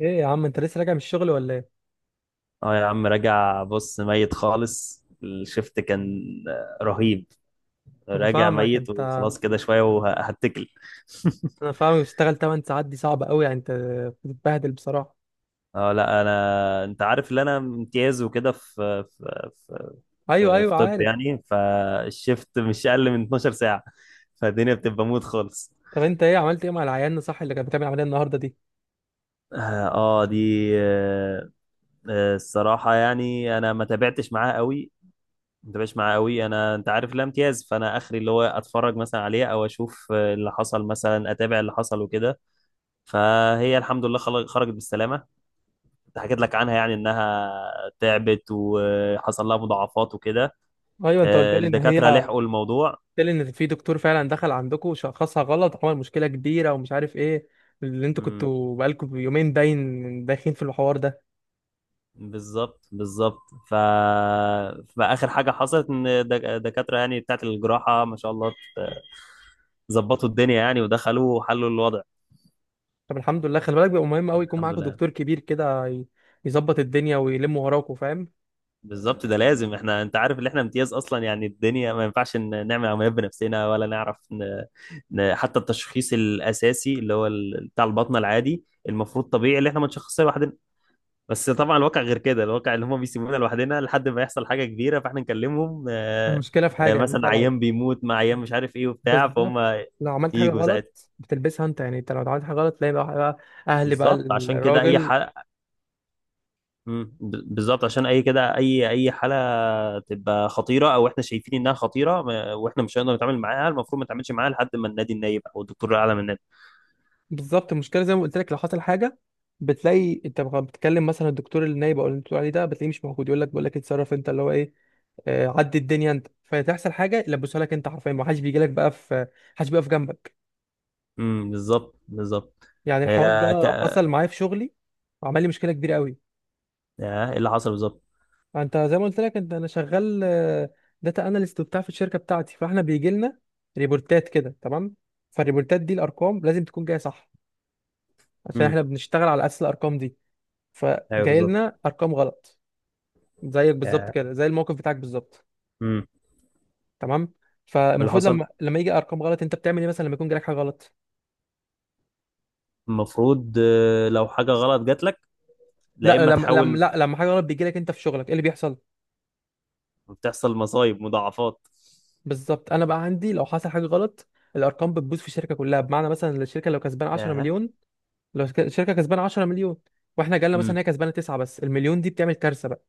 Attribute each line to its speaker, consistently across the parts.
Speaker 1: ايه يا عم، انت لسه راجع من الشغل ولا ايه؟
Speaker 2: اه، يا عم، راجع. بص ميت خالص، الشفت كان رهيب.
Speaker 1: انا
Speaker 2: راجع
Speaker 1: فاهمك
Speaker 2: ميت
Speaker 1: انت
Speaker 2: وخلاص، كده شوية وهتكل
Speaker 1: انا فاهمك، بتشتغل 8 ساعات، دي صعبه قوي يعني، انت بتتبهدل بصراحه.
Speaker 2: اه، لا، انا انت عارف ان انا امتياز وكده، في في في
Speaker 1: ايوه
Speaker 2: في,
Speaker 1: ايوه
Speaker 2: في طب
Speaker 1: عارف.
Speaker 2: يعني فالشفت مش اقل من 12 ساعة. فالدنيا بتبقى موت خالص.
Speaker 1: طب انت ايه، عملت ايه مع العيان صح اللي كانت بتعمل عمليه النهارده دي؟
Speaker 2: اه آه، دي آه، آه، الصراحة، يعني انا ما تابعتش معاه قوي. انت مش معاه قوي، انا انت عارف، لا امتياز، فانا اخري اللي هو اتفرج مثلا عليه، او اشوف اللي حصل، مثلا اتابع اللي حصل وكده. فهي الحمد لله خرجت بالسلامه. كنت حكيت لك عنها، يعني انها تعبت وحصل لها مضاعفات وكده.
Speaker 1: ايوه انت قلت لي ان هي،
Speaker 2: الدكاتره لحقوا الموضوع.
Speaker 1: قلت لي ان في دكتور فعلا دخل عندكم وشخصها غلط وعمل مشكله كبيره ومش عارف ايه، اللي انتوا
Speaker 2: امم
Speaker 1: كنتوا بقالكم يومين باين داخلين في الحوار ده.
Speaker 2: بالظبط، بالظبط. ف فاخر حاجه حصلت ان الدكاتره، يعني بتاعت الجراحه، ما شاء الله، ظبطوا الدنيا يعني، ودخلوا وحلوا الوضع.
Speaker 1: طب الحمد لله، خلي بالك بيبقى مهم قوي يكون
Speaker 2: الحمد
Speaker 1: معاكم
Speaker 2: لله.
Speaker 1: دكتور كبير كده يظبط الدنيا ويلم وراكم، فاهم؟
Speaker 2: بالظبط، ده لازم. احنا انت عارف ان احنا امتياز اصلا، يعني الدنيا ما ينفعش نعمل عمليات بنفسنا، ولا نعرف. حتى التشخيص الاساسي، اللي هو بتاع البطنه العادي، المفروض طبيعي اللي احنا ما نشخصها لوحدنا. بس طبعا الواقع غير كده، الواقع اللي هم بيسيبونا لوحدنا لحد ما يحصل حاجه كبيره، فاحنا نكلمهم.
Speaker 1: المشكله في حاجه، ان انت
Speaker 2: مثلا
Speaker 1: لو،
Speaker 2: عيان بيموت، مع عيان مش عارف ايه وبتاع فهم،
Speaker 1: بالظبط، لو عملت حاجة
Speaker 2: يجوا ساعتها.
Speaker 1: غلط بتلبسها انت، يعني انت لو عملت حاجة غلط تلاقي بقى اهل بقى
Speaker 2: بالظبط، عشان كده اي ح...
Speaker 1: الراجل.
Speaker 2: مم. ب- بالظبط، عشان اي كده، اي حاله تبقى خطيره، او احنا شايفين انها خطيره، واحنا مش هنقدر نتعامل معاها، المفروض ما نتعاملش معاها لحد ما النادي النايب او الدكتور الاعلى من النادي.
Speaker 1: بالظبط، المشكلة زي ما قلت لك، لو حصل حاجة بتلاقي انت بقى بتكلم مثلا الدكتور النايب او اللي انت بتقول عليه ده، بتلاقيه مش موجود، يقول لك، بقول لك اتصرف انت، اللي هو ايه، عدي الدنيا انت، فتحصل حاجة يلبسها لك انت حرفيا، ما حدش بيجي لك بقى، في حدش بيقف جنبك.
Speaker 2: بالظبط، بالظبط.
Speaker 1: يعني الحوار
Speaker 2: آه، ك...
Speaker 1: ده حصل معايا في شغلي وعمل لي مشكلة كبيرة قوي.
Speaker 2: ايه اللي حصل بالظبط؟
Speaker 1: انت زي ما قلت لك، انت انا شغال داتا اناليست وبتاع في الشركه بتاعتي، فاحنا بيجي لنا ريبورتات كده، تمام؟ فالريبورتات دي الارقام لازم تكون جايه صح، عشان
Speaker 2: امم
Speaker 1: احنا بنشتغل على اساس الارقام دي.
Speaker 2: ايوه،
Speaker 1: فجاي
Speaker 2: بالظبط.
Speaker 1: لنا ارقام غلط، زيك بالظبط
Speaker 2: آه،
Speaker 1: كده، زي الموقف بتاعك بالظبط،
Speaker 2: إيه
Speaker 1: تمام؟
Speaker 2: اللي
Speaker 1: فالمفروض لما
Speaker 2: حصل؟
Speaker 1: لما يجي ارقام غلط انت بتعمل ايه مثلا لما يكون جالك حاجه غلط؟
Speaker 2: المفروض، لو حاجه غلط جات لك، لا،
Speaker 1: لا
Speaker 2: اما
Speaker 1: لما لما
Speaker 2: تحاول.
Speaker 1: لا لما حاجه غلط بيجي لك انت في شغلك ايه اللي بيحصل؟
Speaker 2: تحصل مصايب، مضاعفات.
Speaker 1: بالظبط. انا بقى عندي لو حصل حاجه غلط، الارقام بتبوظ في الشركه كلها، بمعنى مثلا الشركه لو كسبان 10
Speaker 2: ياه.
Speaker 1: مليون، الشركه كسبانه 10 مليون، واحنا جالنا مثلا
Speaker 2: امم
Speaker 1: هي كسبانه 9، بس المليون دي بتعمل كارثه بقى،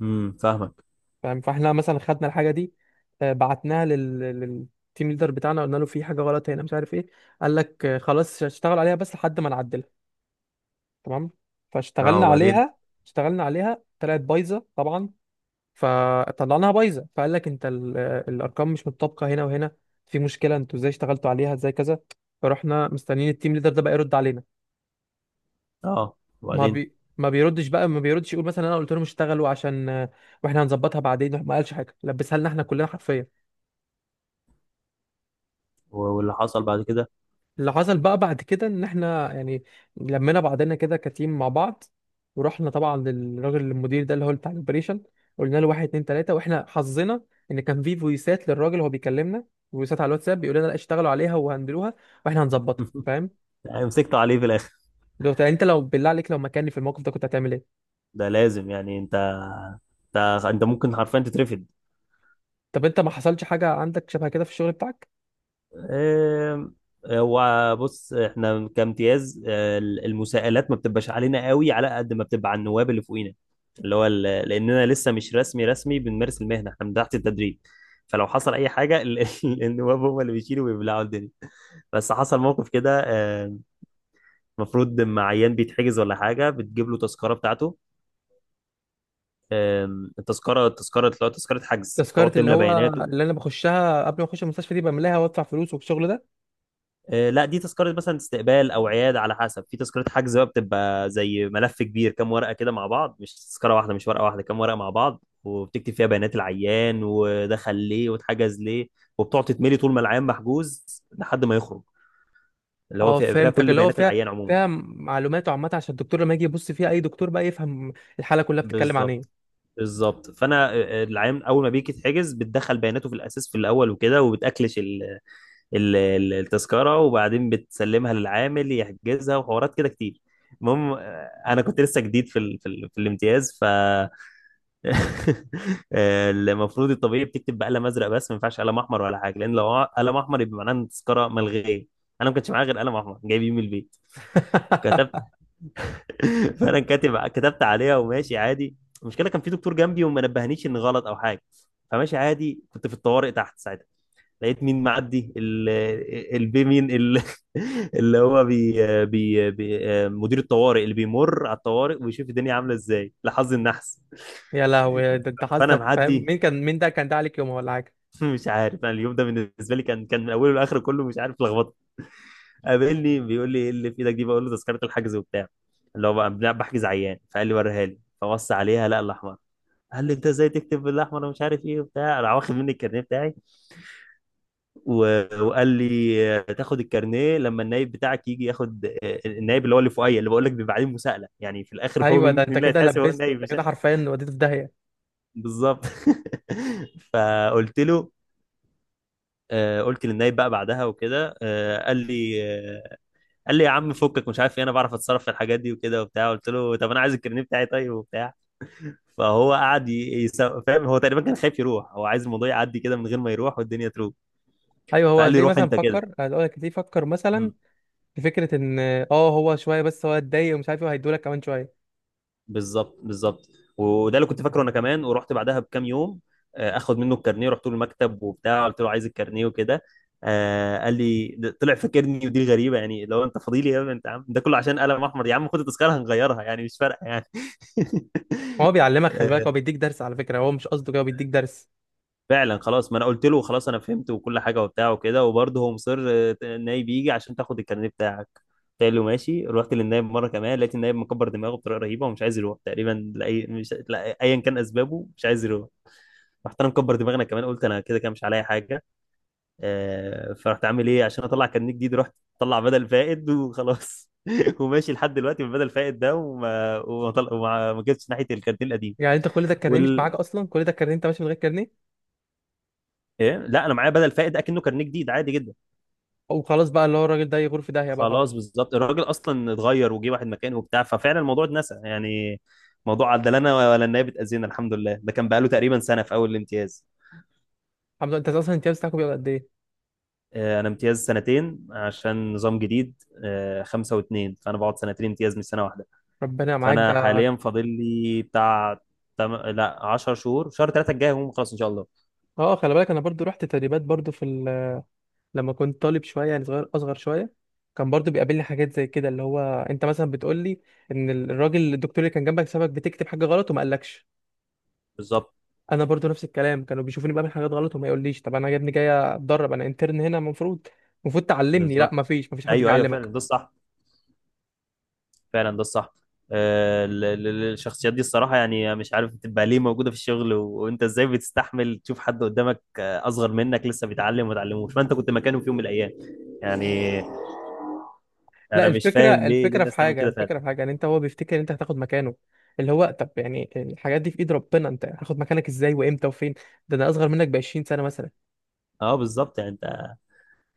Speaker 2: فاهمك.
Speaker 1: فاهم؟ فاحنا مثلا خدنا الحاجه دي، بعتناها للتيم ليدر بتاعنا، قلنا له في حاجه غلط هنا مش عارف ايه. قال لك خلاص اشتغل عليها بس لحد ما نعدلها، تمام؟
Speaker 2: اه،
Speaker 1: فاشتغلنا
Speaker 2: وبعدين.
Speaker 1: عليها. اشتغلنا عليها، طلعت بايظه طبعا. فطلعناها بايظه، فقال لك انت ال... آه، الارقام مش متطابقه هنا وهنا، في مشكله، انتوا ازاي اشتغلتوا عليها، ازاي كذا. فرحنا مستنيين التيم ليدر ده بقى يرد علينا.
Speaker 2: اه،
Speaker 1: ما
Speaker 2: وبعدين.
Speaker 1: بي ما بيردش بقى، ما بيردش يقول مثلا انا قلت لهم اشتغلوا عشان واحنا هنظبطها بعدين. ما قالش حاجه، لبسها لنا احنا كلنا حرفيا.
Speaker 2: واللي حصل بعد كده؟
Speaker 1: اللي حصل بقى بعد كده ان احنا يعني لمينا بعضنا كده كتيم مع بعض، ورحنا طبعا للراجل المدير ده اللي هو بتاع الاوبريشن، قلنا له واحد اتنين تلاته. واحنا حظنا ان كان في فويسات للراجل وهو بيكلمنا، فويسات على الواتساب بيقول لنا لا اشتغلوا عليها وهندلوها واحنا هنظبطها، فاهم؟
Speaker 2: يعني مسكته عليه في الاخر؟
Speaker 1: لو انت، لو بالله عليك، لو مكاني في الموقف ده كنت هتعمل ايه؟
Speaker 2: ده لازم، يعني انت ممكن حرفيا تترفد.
Speaker 1: طب انت ما حصلش حاجه عندك شبه كده في الشغل بتاعك؟
Speaker 2: آم، هو بص، احنا كامتياز، المساءلات ما بتبقاش علينا قوي، على قد ما بتبقى على النواب اللي فوقينا، اللي هو ال- لاننا لسه مش رسمي رسمي بنمارس المهنه، احنا من تحت التدريب. فلو حصل اي حاجه، النواب هم اللي بيشيلوا ويبلعوا الدنيا. بس حصل موقف كده. آم، المفروض لما عيان بيتحجز ولا حاجه، بتجيب له تذكره بتاعته. التذكره، التذكره اللي هو تذكره حجز، تقعد
Speaker 1: تذكرة اللي
Speaker 2: تملى
Speaker 1: هو
Speaker 2: بياناته.
Speaker 1: اللي انا بخشها قبل ما اخش المستشفى، دي بملاها وادفع فلوس والشغل ده.
Speaker 2: لا، دي تذكرة مثلا استقبال أو عيادة على حسب. في تذكرة حجز بقى، بتبقى زي ملف كبير، كام ورقة كده مع بعض، مش تذكرة واحدة، مش ورقة واحدة، كام ورقة مع بعض، وبتكتب فيها بيانات العيان، ودخل ليه واتحجز ليه، وبتقعد تتملي طول ما العيان محجوز لحد ما يخرج. اللي هو
Speaker 1: اه
Speaker 2: فيها، فيها
Speaker 1: فهمتك،
Speaker 2: كل
Speaker 1: اللي هو
Speaker 2: بيانات
Speaker 1: فيها
Speaker 2: العيان عموما.
Speaker 1: فيها معلومات عامة عشان الدكتور لما يجي يبص فيها، اي دكتور بقى يفهم الحالة كلها بتتكلم عن
Speaker 2: بالظبط،
Speaker 1: ايه.
Speaker 2: بالظبط. فأنا، العيان أول ما بيجي يتحجز، بتدخل بياناته في الأساس في الأول وكده، وبتأكلش التذكرة، وبعدين بتسلمها للعامل يحجزها، وحوارات كده كتير. المهم، انا كنت لسه جديد في الامتياز. المفروض الطبيعي بتكتب بقلم ازرق، بس ما ينفعش قلم احمر ولا حاجه، لان لو قلم احمر يبقى معناه ان التذكره ملغيه. انا ما كانش معايا غير قلم احمر، جايبيه من البيت. كتبت فانا كاتب، كتبت عليها وماشي عادي. المشكله، كان في دكتور جنبي وما نبهنيش ان غلط او حاجه. فماشي عادي، كنت في الطوارئ تحت ساعتها. لقيت مين معدي؟ البي مين؟ اللي هو بي، بي، مدير الطوارئ، اللي بيمر على الطوارئ ويشوف الدنيا عامله ازاي. لحظ النحس.
Speaker 1: يا لهوي، ده انت
Speaker 2: فانا
Speaker 1: حظك، فاهم
Speaker 2: معدي.
Speaker 1: مين كان؟ مين ده كان ده عليك يومها ولا حاجة؟
Speaker 2: مش عارف، انا اليوم ده بالنسبه لي كان من اوله لاخره كله مش عارف لخبطه. قابلني بيقول لي: ايه اللي في ايدك دي؟ بقول له: تذكره الحجز وبتاع، اللي هو بقى بحجز عيان. فقال لي: وريها لي. فبص عليها، لا الاحمر. قال لي: انت ازاي تكتب بالاحمر ومش عارف ايه وبتاع؟ راح واخد مني الكارنيه بتاعي. وقال لي: تاخد الكارنيه لما النايب بتاعك يجي ياخد. النايب اللي هو اللي فوقيا، اللي بقول لك بيبقى عليه مساءله، يعني في الاخر، هو
Speaker 1: ايوه،
Speaker 2: مين
Speaker 1: ده
Speaker 2: مين
Speaker 1: انت
Speaker 2: اللي
Speaker 1: كده
Speaker 2: هيتحاسب؟ هو
Speaker 1: لبسته
Speaker 2: النايب،
Speaker 1: انت
Speaker 2: مش
Speaker 1: كده
Speaker 2: أنا.
Speaker 1: حرفيا وديته في داهية.
Speaker 2: بالظبط. فقلت له، قلت للنايب بقى بعدها وكده. قال لي: يا عم فكك مش عارف ايه، انا بعرف اتصرف في الحاجات دي وكده وبتاع. قلت له: طب انا عايز الكارنيه بتاعي، طيب، وبتاع. فهو قعد فاهم، هو تقريبا كان خايف يروح، هو عايز الموضوع يعدي كده من غير ما يروح والدنيا تروح.
Speaker 1: ايوه هو
Speaker 2: فقال لي:
Speaker 1: هتلاقيه
Speaker 2: روح
Speaker 1: مثلا
Speaker 2: انت كده.
Speaker 1: فكر، هقول لك هتلاقيه فكر مثلا في فكرة ان، اه هو شوية بس هو اتضايق ومش عارف ايه، وهيدولك كمان شوية.
Speaker 2: بالظبط، بالظبط. وده اللي كنت فاكره انا كمان. ورحت بعدها بكام يوم، اخد منه الكارنيه، رحت له المكتب وبتاع، قلت له عايز الكارنيه وكده. قال لي: طلع فاكرني، ودي غريبه يعني، لو انت فضيلي يا ابني، انت عم ده كله عشان قلم احمر؟ يا عم خد التذكره هنغيرها يعني، مش فارقه يعني.
Speaker 1: هو بيعلمك، خلي بالك، هو بيديك درس، على فكرة هو مش قصده كده، هو بيديك درس.
Speaker 2: فعلا خلاص، ما انا قلت له خلاص انا فهمت وكل حاجه وبتاع وكده، وبرضه هو مصر النايب يجي عشان تاخد الكارنيه بتاعك. قلت له ماشي. رحت للنايب مره كمان، لقيت النايب مكبر دماغه بطريقه رهيبه، ومش عايز يروح، تقريبا لاي، مش، لا، ايا كان اسبابه، مش عايز يروح. رحت انا مكبر دماغنا كمان، قلت انا كده كده مش عليا حاجه. فرحت عامل ايه؟ عشان اطلع كارنيه جديد، رحت اطلع بدل فائد وخلاص. وماشي لحد دلوقتي بالبدل فائد ده، ما جبتش ناحيه الكارنيه القديم.
Speaker 1: يعني انت كل ده الكارنيه مش معاك
Speaker 2: وال...
Speaker 1: اصلا؟ كل ده الكارنيه انت ماشي من غير كارنيه؟
Speaker 2: إيه؟ لا، انا معايا بدل فائد اكنه كارنيه جديد، عادي جدا.
Speaker 1: وخلاص بقى، اللي هو الراجل ده يغور في داهيه بقى، خلاص.
Speaker 2: خلاص، بالظبط. الراجل اصلا اتغير، وجه واحد مكانه وبتاع، ففعلا الموضوع اتنسى، يعني موضوع عدلنا ولا النائب اتأذينا، الحمد لله. ده كان بقاله تقريبا سنه في اول الامتياز.
Speaker 1: الحمد لله، انت اصلا الامتياز بتاعك بيبقى قد ايه؟
Speaker 2: انا امتياز سنتين عشان نظام جديد. خمسه واتنين، فانا بقعد سنتين امتياز مش سنه واحده.
Speaker 1: ربنا معاك
Speaker 2: فانا
Speaker 1: ده.
Speaker 2: حاليا فاضل لي بتاع، لا 10 شهور. شهر ثلاثه الجاي هم خلاص، ان شاء الله.
Speaker 1: اه خلي بالك، انا برضو رحت تدريبات برضو لما كنت طالب شويه، يعني صغير، اصغر شويه، كان برضو بيقابلني حاجات زي كده. اللي هو انت مثلا بتقول لي ان الراجل الدكتور اللي كان جنبك سابك بتكتب حاجه غلط وما قالكش.
Speaker 2: بالظبط،
Speaker 1: انا برضو نفس الكلام، كانوا بيشوفوني بعمل حاجات غلط وما يقوليش، طب انا يا ابني جاي اتدرب، انا انترن هنا، المفروض المفروض تعلمني، لا
Speaker 2: بالظبط.
Speaker 1: مفيش حد
Speaker 2: ايوه، ايوه، فعلا
Speaker 1: بيعلمك.
Speaker 2: ده الصح، فعلا ده الصح. الشخصيات دي الصراحة، يعني مش عارف بتبقى ليه موجودة في الشغل؟ وانت ازاي بتستحمل تشوف حد قدامك، اصغر منك، لسه بيتعلم وما اتعلموش، فانت كنت مكانه في يوم من الايام، يعني.
Speaker 1: لا
Speaker 2: انا مش
Speaker 1: الفكرة،
Speaker 2: فاهم ليه
Speaker 1: الفكرة في
Speaker 2: الناس تعمل
Speaker 1: حاجة
Speaker 2: كده فعلا.
Speaker 1: الفكرة في حاجة يعني، انت هو بيفتكر ان انت هتاخد مكانه، اللي هو طب يعني الحاجات دي في ايد ربنا، انت هتاخد مكانك ازاي وامتى وفين؟ ده انا اصغر منك ب 20 سنة مثلا.
Speaker 2: اه، بالظبط، يعني انت.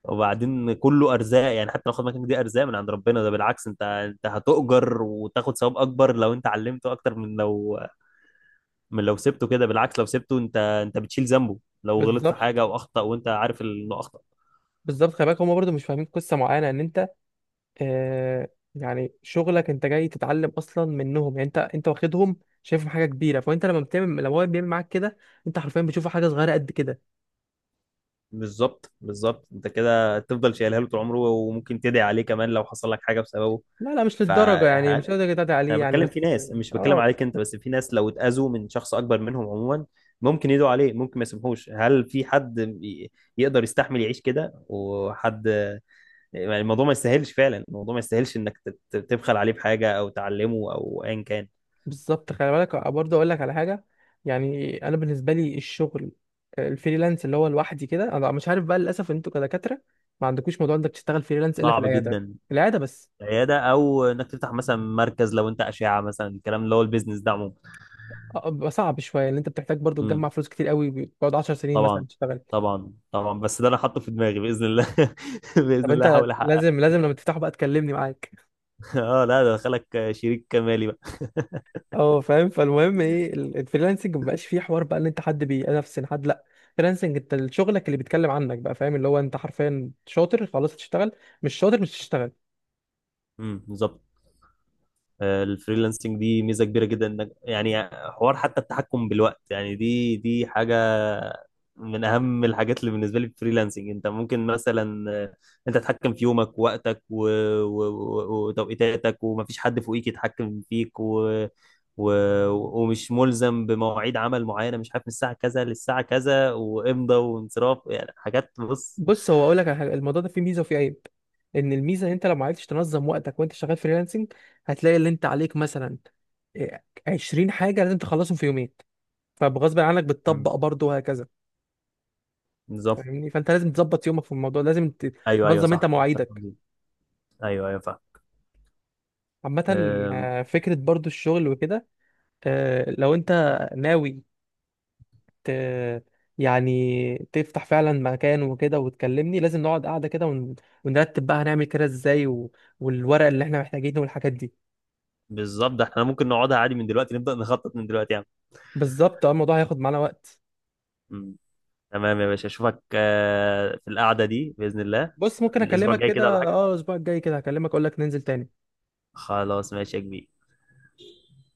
Speaker 2: وبعدين كله ارزاق يعني، حتى لو خد مكانك، دي ارزاق من عند ربنا، ده بالعكس، انت انت هتؤجر وتاخد ثواب اكبر لو انت علمته، اكتر من لو سبته كده. بالعكس لو سبته، انت بتشيل ذنبه لو غلط في حاجة
Speaker 1: بالظبط
Speaker 2: او اخطأ، وانت عارف انه اخطأ.
Speaker 1: بالظبط خلي بالك هما برضه مش فاهمين قصة معينة ان انت، آه، يعني شغلك انت جاي تتعلم اصلا منهم، يعني انت، انت واخدهم شايفهم حاجة كبيرة، فانت لما بتعمل، لما هو بيعمل معاك كده، انت حرفيا بتشوف حاجة صغيرة قد كده.
Speaker 2: بالظبط، بالظبط. انت كده تفضل شايلها له طول عمره، وممكن تدعي عليه كمان لو حصل لك حاجه بسببه.
Speaker 1: لا لا مش
Speaker 2: ف
Speaker 1: للدرجة يعني، مش لدرجة تعدي
Speaker 2: انا
Speaker 1: عليه يعني،
Speaker 2: بتكلم
Speaker 1: بس
Speaker 2: في ناس، مش بتكلم
Speaker 1: اه.
Speaker 2: عليك انت، بس في ناس لو اتاذوا من شخص اكبر منهم عموما، ممكن يدعوا عليه، ممكن ما يسمحوش. هل في حد يقدر يستحمل يعيش كده؟ وحد يعني، الموضوع ما يستاهلش، فعلا الموضوع ما يستاهلش انك تبخل عليه بحاجه او تعلمه او ايا كان.
Speaker 1: بالظبط، خلي بالك برضه اقول لك على حاجه، يعني انا بالنسبه لي الشغل الفريلانس اللي هو لوحدي كده، انا مش عارف بقى للاسف انتوا كدكاتره ما عندكوش موضوع انك تشتغل فريلانس الا في
Speaker 2: صعب
Speaker 1: العياده،
Speaker 2: جدا.
Speaker 1: العياده بس.
Speaker 2: عياده، او انك تفتح مثلا مركز لو انت اشعه مثلا، الكلام اللي هو البيزنس ده.
Speaker 1: بيبقى صعب شويه ان انت بتحتاج برضه
Speaker 2: عموما.
Speaker 1: تجمع فلوس كتير قوي، بتقعد 10 سنين مثلا
Speaker 2: طبعا،
Speaker 1: تشتغل.
Speaker 2: طبعا، طبعا، بس ده انا حاطه في دماغي، باذن الله.
Speaker 1: طب
Speaker 2: باذن الله
Speaker 1: انت
Speaker 2: هحاول احقق.
Speaker 1: لازم لازم لما تفتحه بقى تكلمني معاك.
Speaker 2: اه، لا، ده دخلك شريك مالي بقى.
Speaker 1: اه فاهم. فالمهم ايه الفريلانسنج ما بقاش فيه حوار بقى ان انت حد بينافسن حد، لا. فريلانسنج انت شغلك اللي بيتكلم عنك بقى، فاهم؟ اللي هو انت حرفيا شاطر خلاص تشتغل، مش شاطر مش تشتغل.
Speaker 2: بالظبط. الفريلانسنج دي ميزه كبيره جدا، انك يعني حوار حتى التحكم بالوقت، يعني دي حاجه من اهم الحاجات اللي بالنسبه لي في الفريلانسنج. انت ممكن مثلا، انت تتحكم في يومك ووقتك وتوقيتاتك، ومفيش حد فوقيك يتحكم فيك، و... ومش ملزم بمواعيد عمل معينه، مش عارف من الساعه كذا للساعه كذا، وامضى وانصراف، يعني حاجات. بص.
Speaker 1: بص هو اقول لك على حاجه، الموضوع ده فيه ميزه وفيه عيب، ان الميزه ان انت لو ما عرفتش تنظم وقتك وانت شغال فريلانسنج، هتلاقي اللي انت عليك مثلا 20 حاجه لازم تخلصهم في يومين، فبغصب عنك
Speaker 2: مم.
Speaker 1: بتطبق برضه وهكذا.
Speaker 2: نظام.
Speaker 1: فاهمني؟ فانت لازم تظبط يومك في الموضوع، لازم
Speaker 2: ايوه، ايوه،
Speaker 1: تنظم انت
Speaker 2: صح، متفق.
Speaker 1: مواعيدك
Speaker 2: ايوه، ايوه،
Speaker 1: عامه.
Speaker 2: فاهم.
Speaker 1: فكره برضه الشغل وكده، لو انت ناوي ت... يعني تفتح فعلا مكان وكده وتكلمني، لازم نقعد قاعده كده ونرتب بقى هنعمل كده ازاي والورق اللي احنا محتاجينه والحاجات دي.
Speaker 2: بالظبط، ده احنا ممكن نقعدها عادي من دلوقتي، نبدأ نخطط من دلوقتي يعني.
Speaker 1: بالظبط، اه الموضوع هياخد معانا وقت.
Speaker 2: مم. تمام يا باشا، اشوفك في القعدة دي بإذن الله.
Speaker 1: بص ممكن
Speaker 2: الأسبوع
Speaker 1: اكلمك
Speaker 2: الجاي كده ولا
Speaker 1: كده،
Speaker 2: حاجة؟
Speaker 1: اه الاسبوع الجاي كده هكلمك اقول لك ننزل تاني.
Speaker 2: خلاص، ماشي يا كبير.